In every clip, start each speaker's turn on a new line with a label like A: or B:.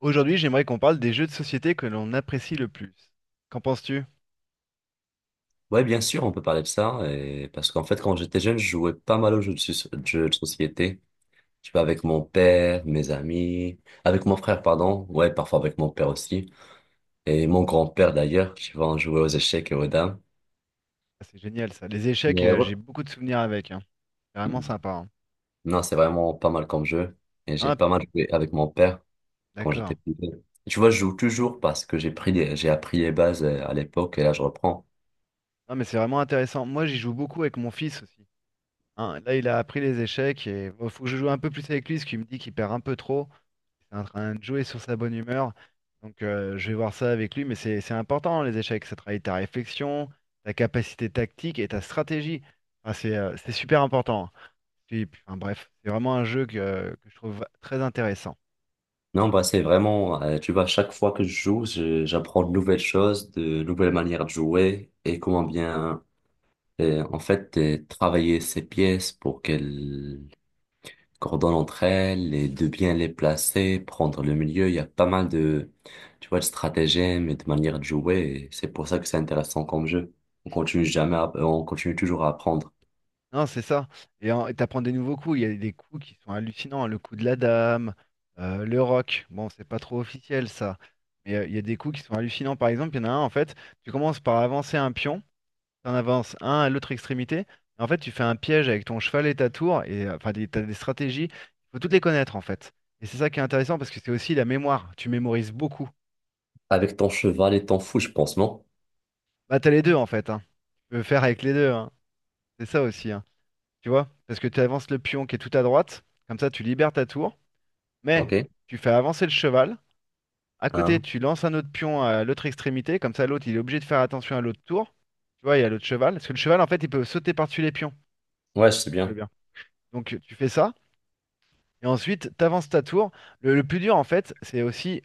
A: Aujourd'hui, j'aimerais qu'on parle des jeux de société que l'on apprécie le plus. Qu'en penses-tu?
B: Ouais, bien sûr, on peut parler de ça. Et parce qu'en fait, quand j'étais jeune, je jouais pas mal aux jeux de société. Tu vois, avec mon père, mes amis, avec mon frère, pardon. Ouais, parfois avec mon père aussi. Et mon grand-père d'ailleurs, tu vois, on jouait aux échecs et aux dames.
A: Ah, c'est génial ça. Les échecs,
B: Mais ouais.
A: j'ai beaucoup de souvenirs avec, hein. C'est vraiment sympa, hein.
B: Non, c'est vraiment pas mal comme jeu. Et j'ai
A: Ah,
B: pas mal joué avec mon père quand j'étais
A: d'accord.
B: plus jeune. Tu vois, je joue toujours parce que j'ai appris les bases à l'époque et là, je reprends.
A: Non, mais c'est vraiment intéressant. Moi, j'y joue beaucoup avec mon fils aussi, hein. Là, il a appris les échecs et il faut que je joue un peu plus avec lui parce qu'il me dit qu'il perd un peu trop. Il est en train de jouer sur sa bonne humeur. Donc, je vais voir ça avec lui. Mais c'est important, hein, les échecs. Ça travaille ta réflexion, ta capacité tactique et ta stratégie. Ah, c'est super important. Enfin, bref, c'est vraiment un jeu que je trouve très intéressant.
B: Non, bah, c'est vraiment, tu vois, chaque fois que je joue, j'apprends de nouvelles choses, de nouvelles manières de jouer et comment bien, en fait, travailler ces pièces pour qu'elles coordonnent entre elles et de bien les placer, prendre le milieu. Il y a pas mal de, tu vois, de stratagèmes et de manières de jouer et c'est pour ça que c'est intéressant comme jeu. On continue jamais à- On continue toujours à apprendre.
A: Non, c'est ça. Et t'apprends des nouveaux coups. Il y a des coups qui sont hallucinants. Le coup de la dame, le rock. Bon, c'est pas trop officiel ça. Mais il y a des coups qui sont hallucinants. Par exemple, il y en a un, en fait, tu commences par avancer un pion. Tu en avances un à l'autre extrémité. En fait, tu fais un piège avec ton cheval et ta tour. Et enfin, t'as des stratégies. Il faut toutes les connaître, en fait. Et c'est ça qui est intéressant parce que c'est aussi la mémoire. Tu mémorises beaucoup.
B: Avec ton cheval et ton fou, je pense, non?
A: Bah, t'as les deux, en fait, hein. Tu peux faire avec les deux, hein. C'est ça aussi, hein. Tu vois? Parce que tu avances le pion qui est tout à droite, comme ça tu libères ta tour,
B: Ok.
A: mais tu fais avancer le cheval. À côté,
B: Hein?
A: tu lances un autre pion à l'autre extrémité, comme ça l'autre il est obligé de faire attention à l'autre tour. Tu vois, il y a l'autre cheval. Parce que le cheval, en fait, il peut sauter par-dessus les pions.
B: Ouais, c'est
A: Très
B: bien.
A: bien. Donc tu fais ça, et ensuite tu avances ta tour. Le plus dur, en fait, c'est aussi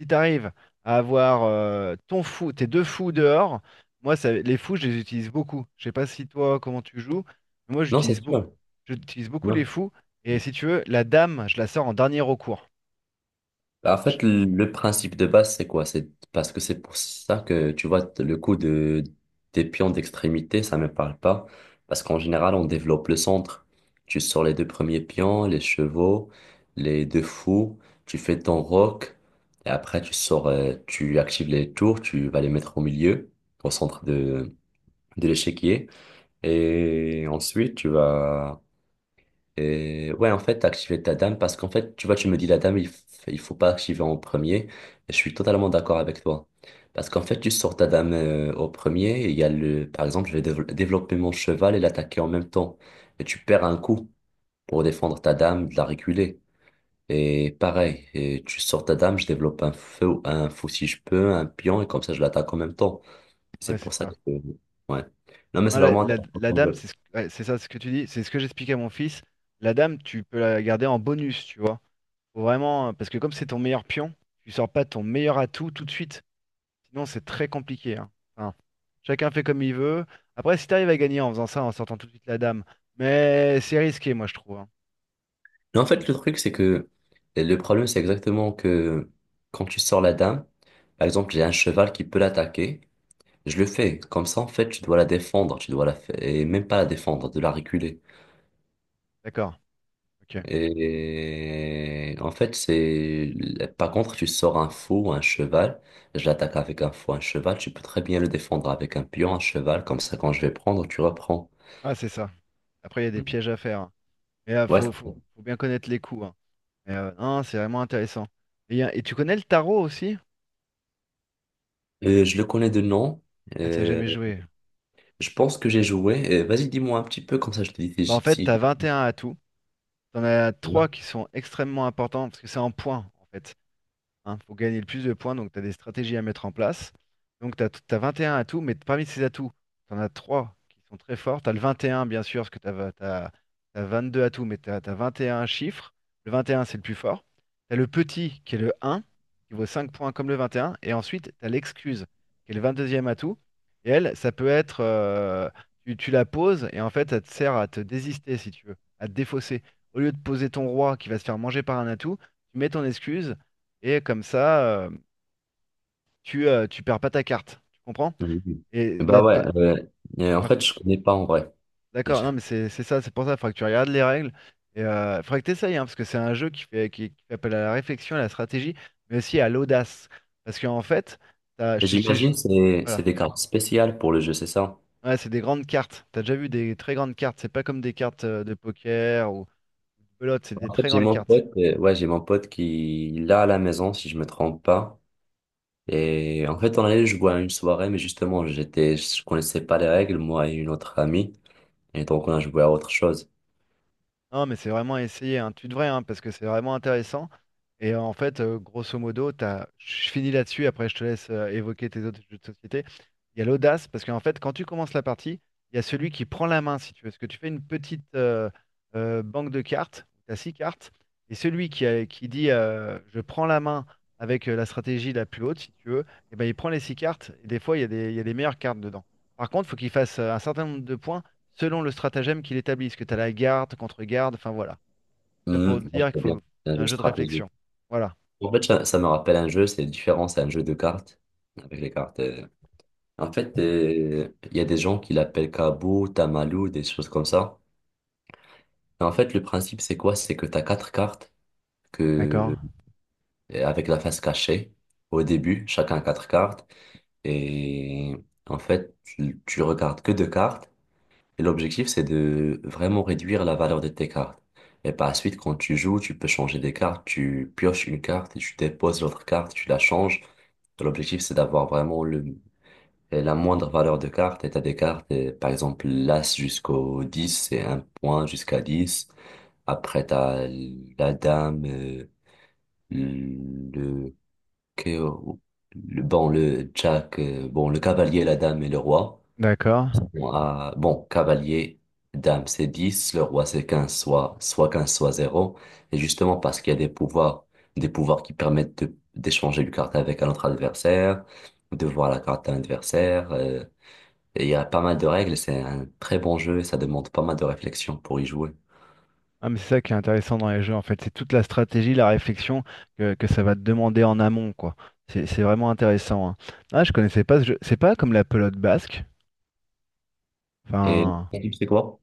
A: si t'arrives à avoir ton fou, tes deux fous dehors, moi ça, les fous je les utilise beaucoup. Je sais pas si toi comment tu joues, mais moi
B: Non, c'est sûr.
A: j'utilise beaucoup les
B: Non.
A: fous. Et si tu veux, la dame, je la sors en dernier recours.
B: Bah, en
A: Je-
B: fait, le principe de base, c'est quoi? C'est parce que c'est pour ça que, tu vois, le coup de, des pions d'extrémité, ça me parle pas. Parce qu'en général, on développe le centre. Tu sors les deux premiers pions, les chevaux, les deux fous, tu fais ton roc, et après, tu sors, tu actives les tours, tu vas les mettre au milieu, au centre de l'échiquier. Et ensuite, tu vas et ouais, en fait, activer ta dame, parce qu'en fait, tu vois, tu me dis la dame, il faut pas activer en premier. Et je suis totalement d'accord avec toi. Parce qu'en fait, tu sors ta dame au premier, il y a le, par exemple, je vais développer mon cheval et l'attaquer en même temps. Et tu perds un coup pour défendre ta dame, de la reculer. Et pareil, et tu sors ta dame, je développe un feu, un fou si je peux, un pion, et comme ça, je l'attaque en même temps. C'est
A: Ouais,
B: pour
A: c'est
B: ça que.
A: ça.
B: Ouais. Non, mais
A: Non,
B: c'est
A: la,
B: vraiment
A: la- la dame,
B: intéressant.
A: ouais, c'est ça ce que tu dis, c'est ce que j'expliquais à mon fils. La dame, tu peux la garder en bonus, tu vois. Faut vraiment, parce que comme c'est ton meilleur pion, tu sors pas ton meilleur atout tout de suite. Sinon, c'est très compliqué, hein. Enfin, chacun fait comme il veut. Après, si t'arrives à gagner en faisant ça, en sortant tout de suite la dame, mais c'est risqué, moi, je trouve, hein.
B: Mais en fait, le truc, c'est que le problème, c'est exactement que quand tu sors la dame, par exemple, j'ai un cheval qui peut l'attaquer, je le fais. Comme ça, en fait, tu dois la défendre, tu dois la fa- et même pas la défendre, de la reculer.
A: D'accord. Ok.
B: Et en fait, c'est, par contre, tu sors un fou ou un cheval, je l'attaque avec un fou, un cheval, tu peux très bien le défendre avec un pion, un cheval, comme ça, quand je vais prendre, tu reprends.
A: Ah, c'est ça. Après, il y a des
B: Mm.
A: pièges à faire, hein. Mais il
B: Ouais, c'est
A: faut,
B: ça.
A: faut- faut bien connaître les coups, hein. Mais non, c'est vraiment intéressant. Et tu connais le tarot aussi?
B: Je le connais de nom.
A: Ah, tu as jamais joué.
B: Je pense que j'ai joué. Vas-y, dis-moi un petit peu, comme ça je te dis
A: Bah, en
B: si,
A: fait,
B: si.
A: t'as un atouts. T'en as trois qui sont extrêmement importants parce que c'est en points, en fait. Il faut gagner le plus de points, donc tu as des stratégies à mettre en place. Donc tu as 21 atouts, mais parmi ces atouts, tu en as 3 qui sont très forts. Tu as le 21, bien sûr, parce que tu as 22 atouts, mais tu as 21 chiffres. Le 21, c'est le plus fort. Tu as le petit, qui est le 1, qui vaut 5 points comme le 21. Et un. Et ensuite, tu as l'excuse, qui est le 22e atout. Et elle, ça peut être, tu la poses, et en fait, ça te sert à te désister, si tu veux, à te défausser. Au lieu de poser ton roi qui va se faire manger par un atout, tu mets ton excuse. Et comme ça, euh, tu perds pas ta carte. Tu comprends?
B: Mhm.
A: Et
B: Bah
A: là, pa-
B: ouais, en
A: par-
B: fait, je connais pas en vrai,
A: d'accord, non,
B: déjà.
A: mais c'est ça, c'est pour ça, il faudra que tu regardes les règles. Et faudrait que tu essayes, hein, parce que c'est un jeu qui fait, qui fait appel à la réflexion, à la stratégie, mais aussi à l'audace. Parce qu'en fait, t'as-
B: Et
A: je- je- je-
B: j'imagine c'est
A: voilà.
B: des cartes spéciales pour le jeu, c'est ça?
A: Ouais, c'est des grandes cartes. T'as déjà vu des très grandes cartes. C'est pas comme des cartes de poker ou de belote, c'est des
B: En fait,
A: très
B: j'ai
A: grandes
B: mon
A: cartes.
B: pote, ouais, j'ai mon pote qui l'a à la maison, si je me trompe pas. Et en fait, on allait jouer à une soirée, mais justement, j'étais, je connaissais pas les règles, moi et une autre amie. Et donc, on a joué à autre chose.
A: Non, mais c'est vraiment à essayer, hein. Tu devrais, hein, parce que c'est vraiment intéressant. Et en fait, grosso modo, t'as je finis là-dessus, après je te laisse évoquer tes autres jeux de société. Il y a l'audace, parce qu'en fait, quand tu commences la partie, il y a celui qui prend la main, si tu veux. Parce que tu fais une petite banque de cartes, tu as six cartes, et celui qui dit je prends la main avec la stratégie la plus haute, si tu veux, et ben, il prend les six cartes, et des fois, il y a il y a des meilleures cartes dedans. Par contre, il faut qu'il fasse un certain nombre de points selon le stratagème qu'il établit. Ce que tu as la garde, contre-garde, enfin voilà. Ça pour te
B: Mhm. Moi, je
A: dire qu'il
B: vois bien,
A: faut
B: c'est un
A: c'est
B: jeu
A: un jeu de
B: stratégique.
A: réflexion. Voilà.
B: En fait, ça me rappelle un jeu, c'est différent, c'est un jeu de cartes, avec les cartes. En fait, il y a des gens qui l'appellent Kabou, Tamalou, des choses comme ça. En fait, le principe, c'est quoi? C'est que tu as quatre cartes
A: D'accord,
B: que, et avec la face cachée au début, chacun a quatre cartes. Et en fait, tu regardes que deux cartes. Et l'objectif, c'est de vraiment réduire la valeur de tes cartes. Et par la suite, quand tu joues, tu peux changer des cartes. Tu pioches une carte et tu déposes l'autre carte, tu la changes. L'objectif, c'est d'avoir vraiment le et la moindre valeur de carte, et t'as des cartes, et par exemple l'As jusqu'au 10 c'est un point jusqu'à 10. Après, t'as la Dame, le, que- le Jack, bon, le Cavalier, la Dame et le Roi.
A: d'accord.
B: Bon, Cavalier, Dame, c'est 10 le Roi, c'est 15 soit 15 soit 0. Et justement, parce qu'il y a des pouvoirs qui permettent d'échanger une carte avec un autre adversaire, de voir la carte à l'adversaire. Et il y a pas mal de règles, c'est un très bon jeu et ça demande pas mal de réflexion pour y jouer.
A: Ah, mais c'est ça qui est intéressant dans les jeux, en fait. C'est toute la stratégie, la réflexion que ça va te demander en amont, quoi. C'est vraiment intéressant, hein. Ah, je connaissais pas ce jeu. C'est pas comme la pelote basque.
B: Et
A: Enfin,
B: le type, c'est quoi?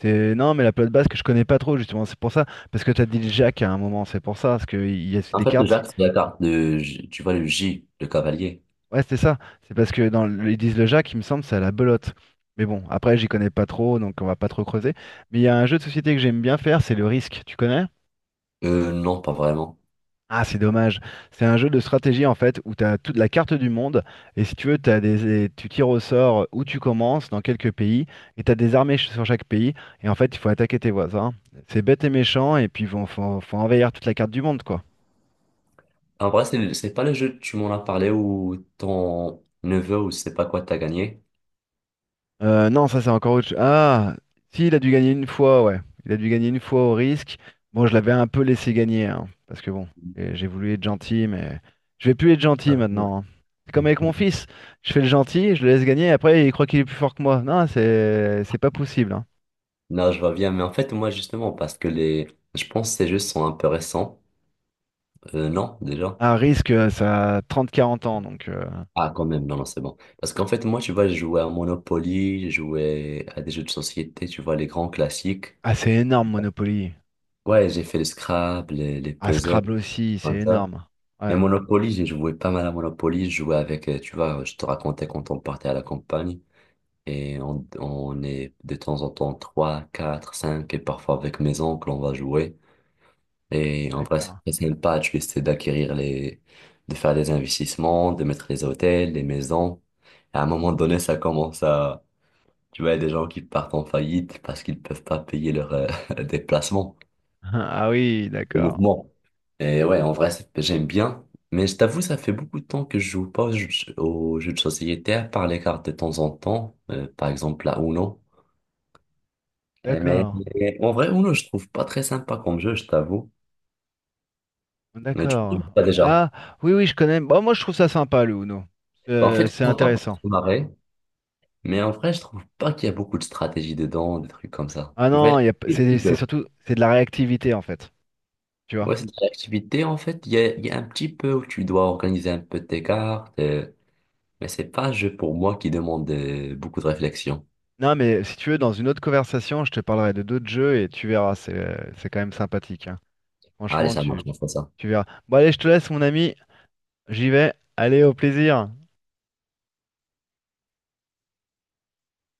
A: c'est. Non, mais la pelote basque, je connais pas trop, justement. C'est pour ça. Parce que t'as dit le Jacques à un moment, c'est pour ça. Parce qu'il y a
B: En
A: des
B: fait, le
A: cartes.
B: jack c'est la carte tu vois, le J, le cavalier.
A: Ouais, c'est ça. C'est parce que dans ils disent le Jacques, il me semble, c'est à la belote. Mais bon, après, j'y connais pas trop, donc on va pas trop creuser. Mais il y a un jeu de société que j'aime bien faire, c'est le Risque. Tu connais?
B: Non, pas vraiment.
A: Ah, c'est dommage. C'est un jeu de stratégie, en fait, où tu as toute la carte du monde. Et si tu veux, tu tires au sort où tu commences, dans quelques pays. Et tu as des armées sur chaque pays. Et en fait, il faut attaquer tes voisins. C'est bête et méchant. Et puis, il faut envahir toute la carte du monde, quoi.
B: En vrai, c'est pas le jeu, tu m'en as parlé ou ton neveu ou je sais pas quoi t'as gagné.
A: Non, ça c'est encore autre chose. Ah, si, il a dû gagner une fois, ouais. Il a dû gagner une fois au risque. Bon, je l'avais un peu laissé gagner, hein, parce que bon, j'ai voulu être gentil, mais je vais plus être gentil
B: Ah, oui.
A: maintenant, hein. C'est comme avec mon fils. Je fais le gentil, je le laisse gagner, et après il croit qu'il est plus fort que moi. Non, c'est pas possible, hein.
B: Non, je vois bien, mais en fait, moi, justement, parce que les, je pense que ces jeux sont un peu récents. Non, déjà.
A: Ah, risque, ça a 30-40 ans, donc.
B: Ah, quand même, non, non, c'est bon. Parce qu'en fait, moi, tu vois, je jouais à Monopoly, je jouais à des jeux de société, tu vois, les grands classiques.
A: Ah, c'est énorme, Monopoly.
B: Ouais, j'ai fait le Scrabble, les
A: Ah,
B: puzzles,
A: Scrabble aussi, c'est
B: comme ça.
A: énorme.
B: Et
A: Ouais.
B: Monopoly, j'ai joué pas mal à Monopoly. Je jouais avec, tu vois, je te racontais quand on partait à la campagne. Et on est de temps en temps 3, 4, 5, et parfois avec mes oncles, on va jouer. Et en vrai, c'est
A: D'accord.
B: très sympa. Tu essaies d'acquérir les, de faire des investissements, de mettre les hôtels, les maisons. Et à un moment donné, ça commence à, tu vois, il y a des gens qui partent en faillite parce qu'ils peuvent pas payer leur déplacement.
A: Ah oui,
B: Les
A: d'accord.
B: mouvements. Et ouais, en vrai, j'aime bien. Mais je t'avoue, ça fait beaucoup de temps que je joue pas aux jeux de société, à part les cartes de temps en temps, par exemple la Uno. Eh, Mais
A: D'accord.
B: mais en vrai, Uno, je trouve pas très sympa comme jeu, je t'avoue. Mais tu trouves
A: D'accord.
B: pas déjà.
A: Ah, oui, oui, je connais. Bon, moi, je trouve ça sympa, le Uno.
B: Bah, en fait, je
A: C'est
B: trouve pas pour se
A: intéressant.
B: marrer, mais en vrai, je trouve pas qu'il y a beaucoup de stratégie dedans, des trucs comme ça.
A: Ah
B: Tu vois, un
A: non, il y a p-
B: petit
A: c'est
B: peu.
A: surtout c'est de la réactivité, en fait. Tu vois?
B: Ouais, c'est de l'activité, en fait, il y a un petit peu où tu dois organiser un peu tes cartes, mais c'est pas un jeu pour moi qui demande beaucoup de réflexion.
A: Non, mais si tu veux, dans une autre conversation, je te parlerai de d'autres jeux et tu verras. C'est quand même sympathique, hein.
B: Allez,
A: Franchement,
B: ça marche,
A: tu,
B: on fera ça.
A: tu verras. Bon, allez, je te laisse, mon ami. J'y vais. Allez, au plaisir.